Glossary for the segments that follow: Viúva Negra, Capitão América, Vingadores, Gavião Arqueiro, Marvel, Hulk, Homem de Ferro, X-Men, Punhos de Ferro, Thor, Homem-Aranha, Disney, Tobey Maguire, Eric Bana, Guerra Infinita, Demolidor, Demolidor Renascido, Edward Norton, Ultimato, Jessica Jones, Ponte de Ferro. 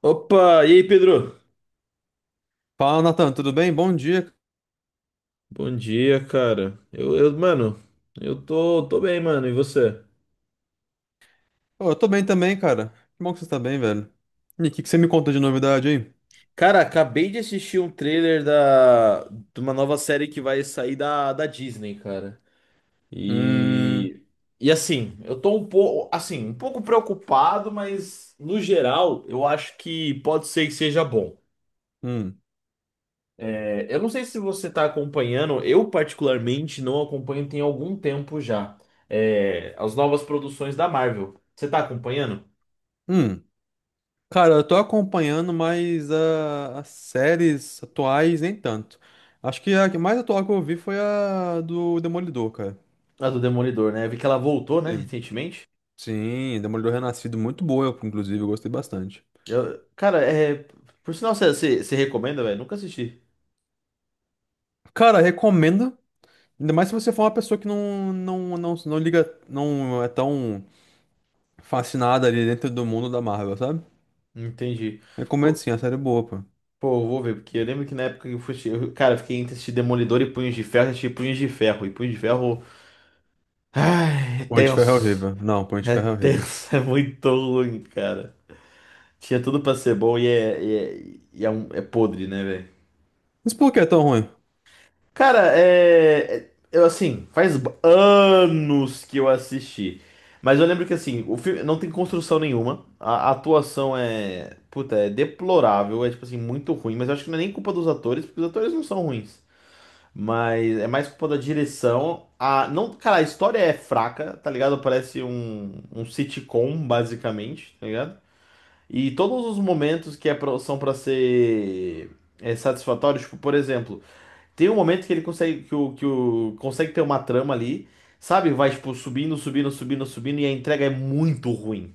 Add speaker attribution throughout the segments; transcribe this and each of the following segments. Speaker 1: Opa, e aí, Pedro?
Speaker 2: Fala, Nathan, tudo bem? Bom dia.
Speaker 1: Bom dia, cara. Eu, mano, eu tô bem, mano. E você?
Speaker 2: Ô, eu tô bem também, cara. Que bom que você tá bem, velho. E o que que você me conta de novidade aí?
Speaker 1: Cara, acabei de assistir um trailer de uma nova série que vai sair da Disney, cara.
Speaker 2: Hum,
Speaker 1: E, e assim, eu tô um pouco, assim, um pouco preocupado, mas no geral, eu acho que pode ser que seja bom.
Speaker 2: hum,
Speaker 1: É, eu não sei se você tá acompanhando, eu particularmente não acompanho tem algum tempo já. É, as novas produções da Marvel. Você tá acompanhando?
Speaker 2: hum. Cara, eu tô acompanhando mais as séries atuais, nem tanto. Acho que a que mais atual que eu vi foi a do Demolidor, cara.
Speaker 1: A do Demolidor, né? Eu vi que ela voltou, né,
Speaker 2: Sim,
Speaker 1: recentemente.
Speaker 2: sim, Demolidor Renascido, muito boa, eu, inclusive, eu gostei bastante.
Speaker 1: Cara, é. Por sinal, você recomenda, velho? Nunca assisti.
Speaker 2: Cara, recomendo. Ainda mais se você for uma pessoa que não liga, não é tão fascinada ali dentro do mundo da Marvel, sabe?
Speaker 1: Entendi.
Speaker 2: Recomendo
Speaker 1: Pô,
Speaker 2: sim, a série é boa, pô.
Speaker 1: Pô, eu vou ver, porque eu lembro que na época que eu fui. Cara, eu fiquei entre assistir Demolidor e Punhos de Ferro, eu assisti Punhos de Ferro. E Punhos de Ferro. Ai, é
Speaker 2: Ponte de Ferro é
Speaker 1: tenso.
Speaker 2: horrível. Não, Ponte de
Speaker 1: É
Speaker 2: Ferro é horrível.
Speaker 1: tenso, é muito ruim, cara. Tinha tudo pra ser bom e é, um, é podre, né, velho?
Speaker 2: Mas por que é tão ruim?
Speaker 1: Cara, é. Eu, assim, faz anos que eu assisti. Mas eu lembro que, assim, o filme não tem construção nenhuma. A atuação é. Puta, é deplorável. É, tipo assim, muito ruim. Mas eu acho que não é nem culpa dos atores, porque os atores não são ruins. Mas é mais culpa da direção. A... Não... Cara, a história é fraca, tá ligado? Parece um sitcom, basicamente, tá ligado? E todos os momentos que são pra ser satisfatórios, tipo, por exemplo. Tem um momento que ele consegue que o consegue ter uma trama ali, sabe? Vai tipo subindo, subindo, subindo, subindo e a entrega é muito ruim,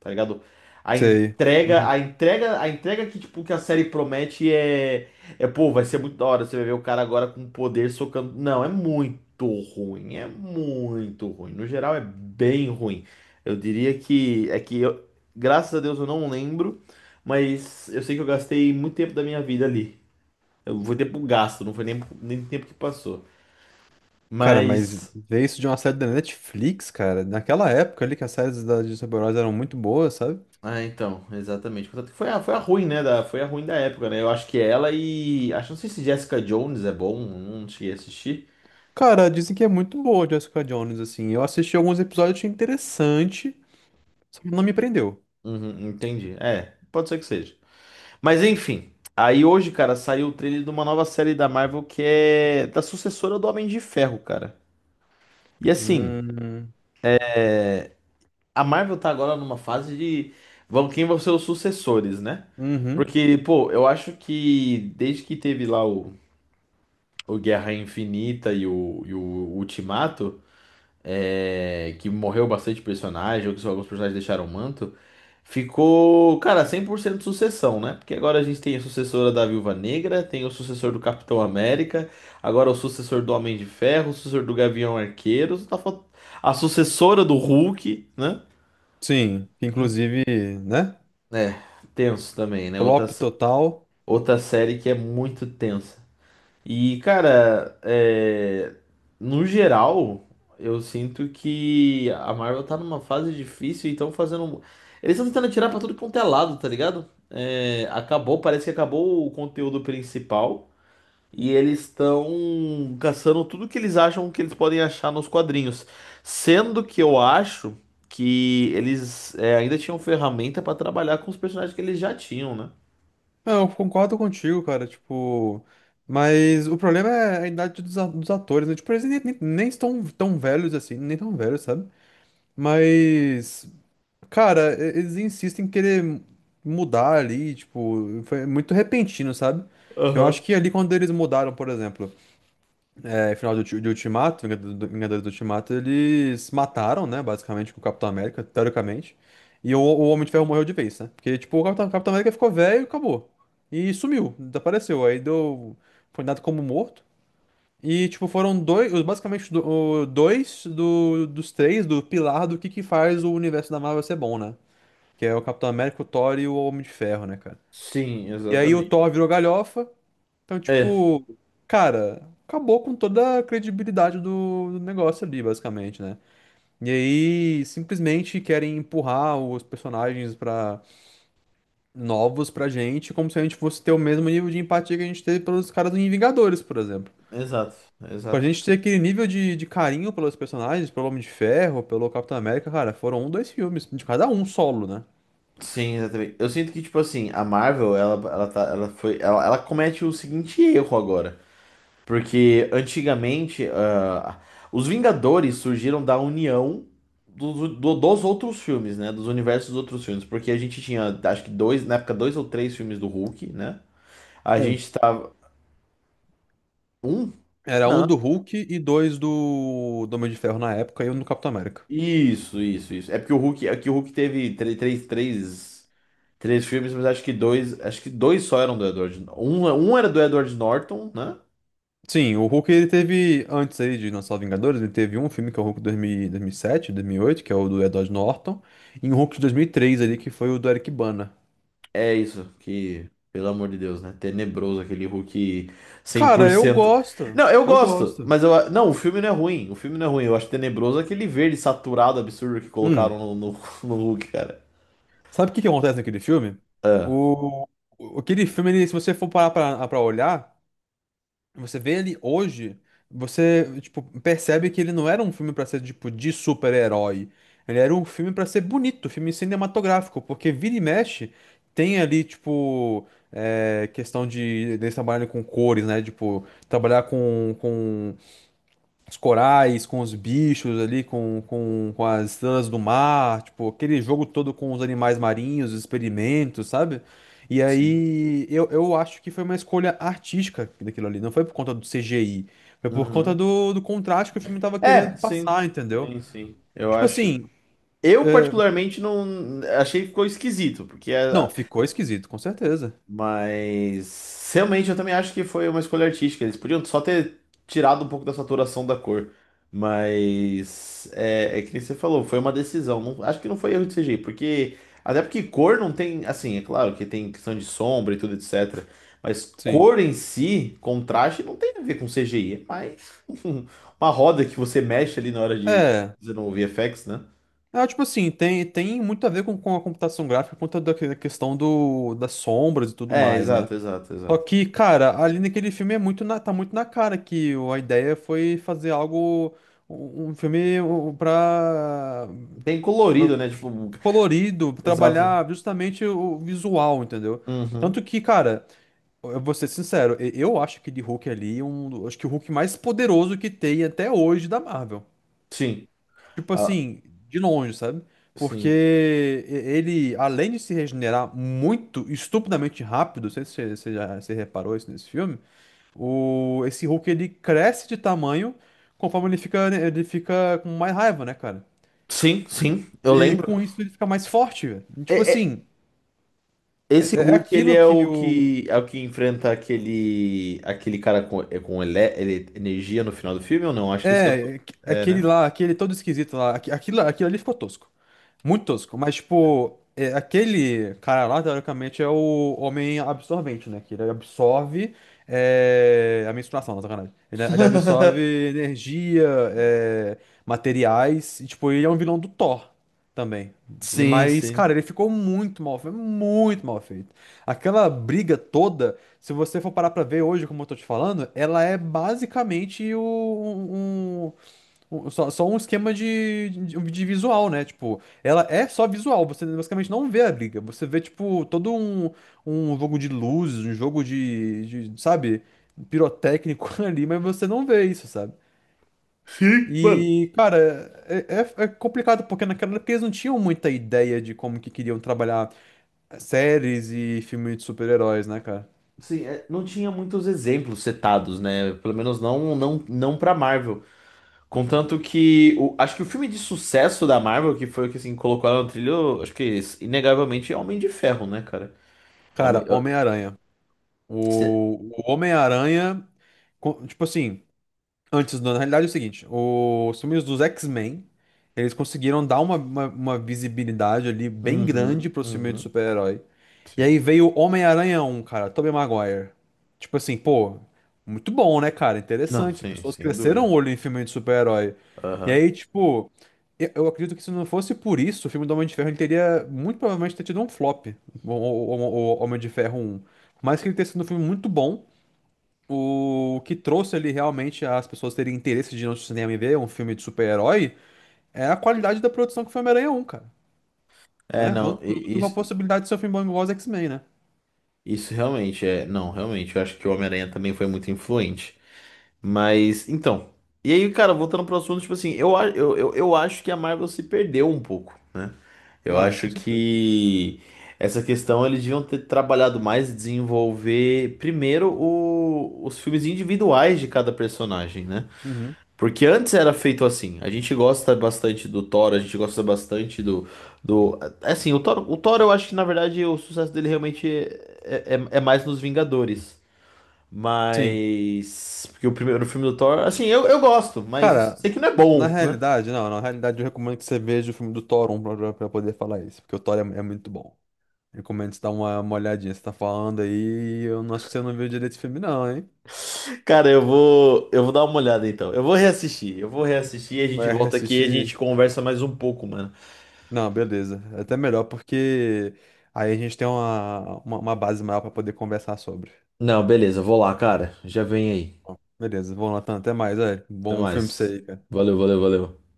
Speaker 1: tá ligado?
Speaker 2: Sei. Uhum.
Speaker 1: A entrega que tipo que a série promete é pô, vai ser muito da hora, você vai ver o cara agora com poder socando. Não, é muito ruim, é muito ruim. No geral é bem ruim. Eu diria que graças a Deus eu não lembro, mas eu sei que eu gastei muito tempo da minha vida ali. Eu vou ter pro gasto, não foi nem tempo que passou.
Speaker 2: Cara, mas
Speaker 1: Mas.
Speaker 2: ver isso de uma série da Netflix, cara, naquela época ali que as séries da de super-heróis eram muito boas, sabe?
Speaker 1: Ah, então, exatamente. Portanto, foi a ruim, né? Foi a ruim da época, né? Eu acho que ela e. Acho, não sei se Jessica Jones é bom, não cheguei a assistir.
Speaker 2: Cara, dizem que é muito boa Jessica Jones, assim. Eu assisti alguns episódios, achei interessante, só que não me prendeu.
Speaker 1: Uhum, entendi. É, pode ser que seja. Mas enfim. Aí hoje, cara, saiu o trailer de uma nova série da Marvel que é da sucessora do Homem de Ferro, cara. E assim,
Speaker 2: Hum,
Speaker 1: a Marvel tá agora numa fase de. Vão, quem vão ser os sucessores, né?
Speaker 2: uhum.
Speaker 1: Porque, pô, eu acho que desde que teve lá o Guerra Infinita e o Ultimato, que morreu bastante personagem, ou que só alguns personagens deixaram o manto, ficou, cara, 100% sucessão, né? Porque agora a gente tem a sucessora da Viúva Negra, tem o sucessor do Capitão América, agora o sucessor do Homem de Ferro, o sucessor do Gavião Arqueiro, só tá a sucessora do Hulk, né?
Speaker 2: Sim, que inclusive, né?
Speaker 1: É, tenso também, né? Outra,
Speaker 2: Flop total.
Speaker 1: outra série que é muito tensa. E, cara, é, no geral, eu sinto que a Marvel tá numa fase difícil e estão fazendo. Eles estão tentando tirar pra tudo quanto é lado, tá ligado? É, acabou, parece que acabou o conteúdo principal. E eles estão caçando tudo que eles acham que eles podem achar nos quadrinhos. Sendo que eu acho que eles ainda tinham ferramenta pra trabalhar com os personagens que eles já tinham, né?
Speaker 2: Não, eu concordo contigo, cara, tipo, mas o problema é a idade dos atores, né? Tipo, eles nem estão tão velhos assim, nem tão velhos, sabe? Mas, cara, eles insistem em querer mudar ali, tipo, foi muito repentino, sabe? Eu acho
Speaker 1: Aham.
Speaker 2: que ali quando eles mudaram, por exemplo. É, final de Ultimato, Vingadores do Ultimato, eles mataram, né, basicamente, o Capitão América, teoricamente. E o Homem de Ferro morreu de vez, né? Porque, tipo, o Capitão América ficou velho e acabou. E sumiu, desapareceu. Aí deu. Foi dado como morto. E, tipo, foram dois. Basicamente, dois dos três do pilar do que faz o universo da Marvel ser bom, né? Que é o Capitão América, o Thor e o Homem de Ferro, né, cara?
Speaker 1: Sim,
Speaker 2: E aí o
Speaker 1: exatamente.
Speaker 2: Thor virou galhofa. Então,
Speaker 1: É,
Speaker 2: tipo, cara, acabou com toda a credibilidade do negócio ali, basicamente, né? E aí, simplesmente querem empurrar os personagens para novos pra gente, como se a gente fosse ter o mesmo nível de empatia que a gente teve pelos caras do Vingadores, por exemplo.
Speaker 1: exato,
Speaker 2: Pra
Speaker 1: exato.
Speaker 2: gente ter aquele nível de carinho pelos personagens, pelo Homem de Ferro, pelo Capitão América, cara, foram um, dois filmes, de cada um solo, né?
Speaker 1: Sim, exatamente. Eu sinto que, tipo assim, a Marvel, ela tá, ela comete o seguinte erro agora. Porque antigamente, ah, os Vingadores surgiram da união dos outros filmes, né? Dos universos dos outros filmes. Porque a gente tinha, acho que dois, na época, dois ou três filmes do Hulk, né? A
Speaker 2: Um.
Speaker 1: gente tava. Um?
Speaker 2: Era um
Speaker 1: Não.
Speaker 2: do Hulk e dois do Homem de Ferro na época e um do Capitão América.
Speaker 1: Isso, isso, isso. É porque o Hulk, é que o Hulk teve três, três, três filmes, mas acho que dois só eram do Edward. Um era do Edward Norton, né?
Speaker 2: Sim, o Hulk ele teve, antes aí de lançar os Vingadores, ele teve um filme que é o Hulk 2000, 2007, 2008, que é o do Edward Norton, e um Hulk de 2003 ali, que foi o do Eric Bana.
Speaker 1: É isso, que, pelo amor de Deus, né? Tenebroso aquele Hulk cem por
Speaker 2: Cara, eu
Speaker 1: cento.
Speaker 2: gosto,
Speaker 1: Não, eu
Speaker 2: eu
Speaker 1: gosto,
Speaker 2: gosto.
Speaker 1: mas eu. Não, o filme não é ruim. O filme não é ruim. Eu acho tenebroso aquele verde saturado absurdo que
Speaker 2: Hum,
Speaker 1: colocaram no, no Hulk, cara.
Speaker 2: sabe o que que acontece naquele filme?
Speaker 1: Ah.
Speaker 2: O, Aquele filme, ele, se você for parar pra olhar, você vê ele hoje, você, tipo, percebe que ele não era um filme pra ser, tipo, de super-herói. Ele era um filme pra ser bonito, filme cinematográfico, porque vira e mexe tem ali, tipo, questão deles trabalharem com cores, né? Tipo, trabalhar com os corais, com os bichos ali, com as estrelas do mar, tipo, aquele jogo todo com os animais marinhos, os experimentos, sabe? E
Speaker 1: Sim.
Speaker 2: aí eu acho que foi uma escolha artística daquilo ali, não foi por conta do CGI, foi por conta
Speaker 1: Uhum.
Speaker 2: do contraste que o filme tava
Speaker 1: É,
Speaker 2: querendo
Speaker 1: sim.
Speaker 2: passar, entendeu?
Speaker 1: Sim, sim. Eu
Speaker 2: Tipo
Speaker 1: acho.
Speaker 2: assim,
Speaker 1: Eu, particularmente, não. Achei que ficou esquisito, porque é,
Speaker 2: não, ficou esquisito, com certeza.
Speaker 1: mas realmente eu também acho que foi uma escolha artística. Eles podiam só ter tirado um pouco da saturação da cor. Mas é, é que nem você falou, foi uma decisão. Acho que não foi erro de CGI, porque. Até porque cor não tem. Assim, é claro que tem questão de sombra e tudo, etc. Mas
Speaker 2: Sim.
Speaker 1: cor em si, contraste, não tem a ver com CGI. É mais uma roda que você mexe ali na hora de
Speaker 2: É.
Speaker 1: fazer no VFX, né?
Speaker 2: É, tipo assim, tem muito a ver com a computação gráfica por conta da questão das sombras e tudo
Speaker 1: É,
Speaker 2: mais, né?
Speaker 1: exato, exato,
Speaker 2: Só
Speaker 1: exato.
Speaker 2: que, cara, ali naquele filme é muito tá muito na cara que a ideia foi fazer algo, um filme
Speaker 1: Bem
Speaker 2: eh,
Speaker 1: colorido, né? Tipo,
Speaker 2: colorido,
Speaker 1: exato.
Speaker 2: trabalhar justamente o visual, entendeu?
Speaker 1: Uhum,
Speaker 2: Tanto que, cara, eu vou ser sincero, eu acho que de Hulk ali, acho que o Hulk mais poderoso que tem até hoje da Marvel.
Speaker 1: sim.
Speaker 2: Tipo
Speaker 1: Ah,
Speaker 2: assim, de longe, sabe? Porque
Speaker 1: sim.
Speaker 2: ele, além de se regenerar muito, estupidamente rápido, não sei se você já se reparou isso nesse filme, esse Hulk ele cresce de tamanho conforme ele fica, né, ele fica com mais raiva, né, cara?
Speaker 1: Sim, sim, eu
Speaker 2: E
Speaker 1: lembro.
Speaker 2: com isso ele fica mais forte, velho. Tipo
Speaker 1: É- é-
Speaker 2: assim,
Speaker 1: Esse
Speaker 2: é, é
Speaker 1: Hulk, ele
Speaker 2: aquilo
Speaker 1: é
Speaker 2: que
Speaker 1: o
Speaker 2: o,
Speaker 1: que enfrenta aquele cara com, é com ele, energia no final do filme ou não? Acho que esse é o do...
Speaker 2: É, aqu-
Speaker 1: É,
Speaker 2: aquele
Speaker 1: né?
Speaker 2: lá, aquele todo esquisito lá, aquilo ali ficou tosco. Muito tosco, mas tipo, aquele cara lá, teoricamente, é o homem absorvente, né? Que ele absorve a menstruação, não, sacanagem. Ele absorve energia, é, materiais, e tipo, ele é um vilão do Thor também. E,
Speaker 1: Sim,
Speaker 2: mas,
Speaker 1: sim.
Speaker 2: cara, ele ficou muito mal feito, muito mal feito. Aquela briga toda. Se você for parar pra ver hoje, como eu tô te falando, ela é basicamente só um esquema de visual, né? Tipo, ela é só visual, você basicamente não vê a briga. Você vê, tipo, todo um jogo de luzes, um jogo sabe, pirotécnico ali, mas você não vê isso, sabe?
Speaker 1: Sim, mano.
Speaker 2: E, cara, é complicado, porque naquela época eles não tinham muita ideia de como que queriam trabalhar séries e filmes de super-heróis, né, cara?
Speaker 1: Sim, é, não tinha muitos exemplos setados, né? Pelo menos não para Marvel. Contanto que acho que o filme de sucesso da Marvel, que foi o que assim colocou ela no trilho, acho que inegavelmente é Homem de Ferro, né, cara? Homem,
Speaker 2: Cara, Homem-Aranha. O Homem-Aranha, tipo assim, antes, não, na realidade é o seguinte, os filmes dos X-Men, eles conseguiram dar uma visibilidade ali bem grande
Speaker 1: uhum,
Speaker 2: pro filme de
Speaker 1: uhum,
Speaker 2: super-herói. E aí
Speaker 1: sim.
Speaker 2: veio o Homem-Aranha um, cara, Tobey Maguire. Tipo assim, pô, muito bom, né, cara?
Speaker 1: Não,
Speaker 2: Interessante, as
Speaker 1: sim,
Speaker 2: pessoas
Speaker 1: sem
Speaker 2: cresceram o
Speaker 1: dúvida.
Speaker 2: olho em filme de super-herói. E
Speaker 1: Aham.
Speaker 2: aí, tipo, eu acredito que se não fosse por isso, o filme do Homem de Ferro ele teria, muito provavelmente, ter tido um flop, o Homem de Ferro um. Por mais que ele tenha sido um filme muito bom, o que trouxe ali realmente as pessoas terem interesse de ir no cinema e ver um filme de super-herói é a qualidade da produção que foi Homem-Aranha um, cara.
Speaker 1: É,
Speaker 2: Né? Vou,
Speaker 1: não,
Speaker 2: vou com a
Speaker 1: isso,
Speaker 2: possibilidade de ser um filme bom igual os X-Men, né?
Speaker 1: isso realmente é. Não, realmente, eu acho que o Homem-Aranha também foi muito influente. Mas, então. E aí, cara, voltando pro assunto, tipo assim, eu acho que a Marvel se perdeu um pouco, né? Eu
Speaker 2: Ah, com
Speaker 1: acho
Speaker 2: certeza.
Speaker 1: que essa questão eles deviam ter trabalhado mais e desenvolver primeiro os filmes individuais de cada personagem, né?
Speaker 2: Uhum.
Speaker 1: Porque antes era feito assim. A gente gosta bastante do Thor, a gente gosta bastante do... é. Assim, o Thor, eu acho que na verdade o sucesso dele realmente é mais nos Vingadores.
Speaker 2: Sim.
Speaker 1: Mas. Porque o primeiro filme do Thor, assim, eu gosto, mas eu
Speaker 2: Cara,
Speaker 1: sei que não é
Speaker 2: na
Speaker 1: bom, né?
Speaker 2: realidade, não, na realidade eu recomendo que você veja o filme do Thor um pra poder falar isso, porque o Thor é muito bom. Recomendo você dar uma olhadinha. Você tá falando aí, eu não acho que você não viu direito esse filme, não, hein?
Speaker 1: Cara, eu vou dar uma olhada então. Eu vou reassistir, a gente
Speaker 2: Vai
Speaker 1: volta aqui e a
Speaker 2: assistir.
Speaker 1: gente conversa mais um pouco, mano.
Speaker 2: Não, beleza. É. Até melhor, porque aí a gente tem uma base maior para poder conversar sobre.
Speaker 1: Não, beleza, vou lá, cara. Já vem aí.
Speaker 2: Bom, beleza, vamos lá, Tan. Até mais.
Speaker 1: Até
Speaker 2: Bom filme pra você
Speaker 1: mais.
Speaker 2: aí, cara.
Speaker 1: Valeu, valeu, valeu.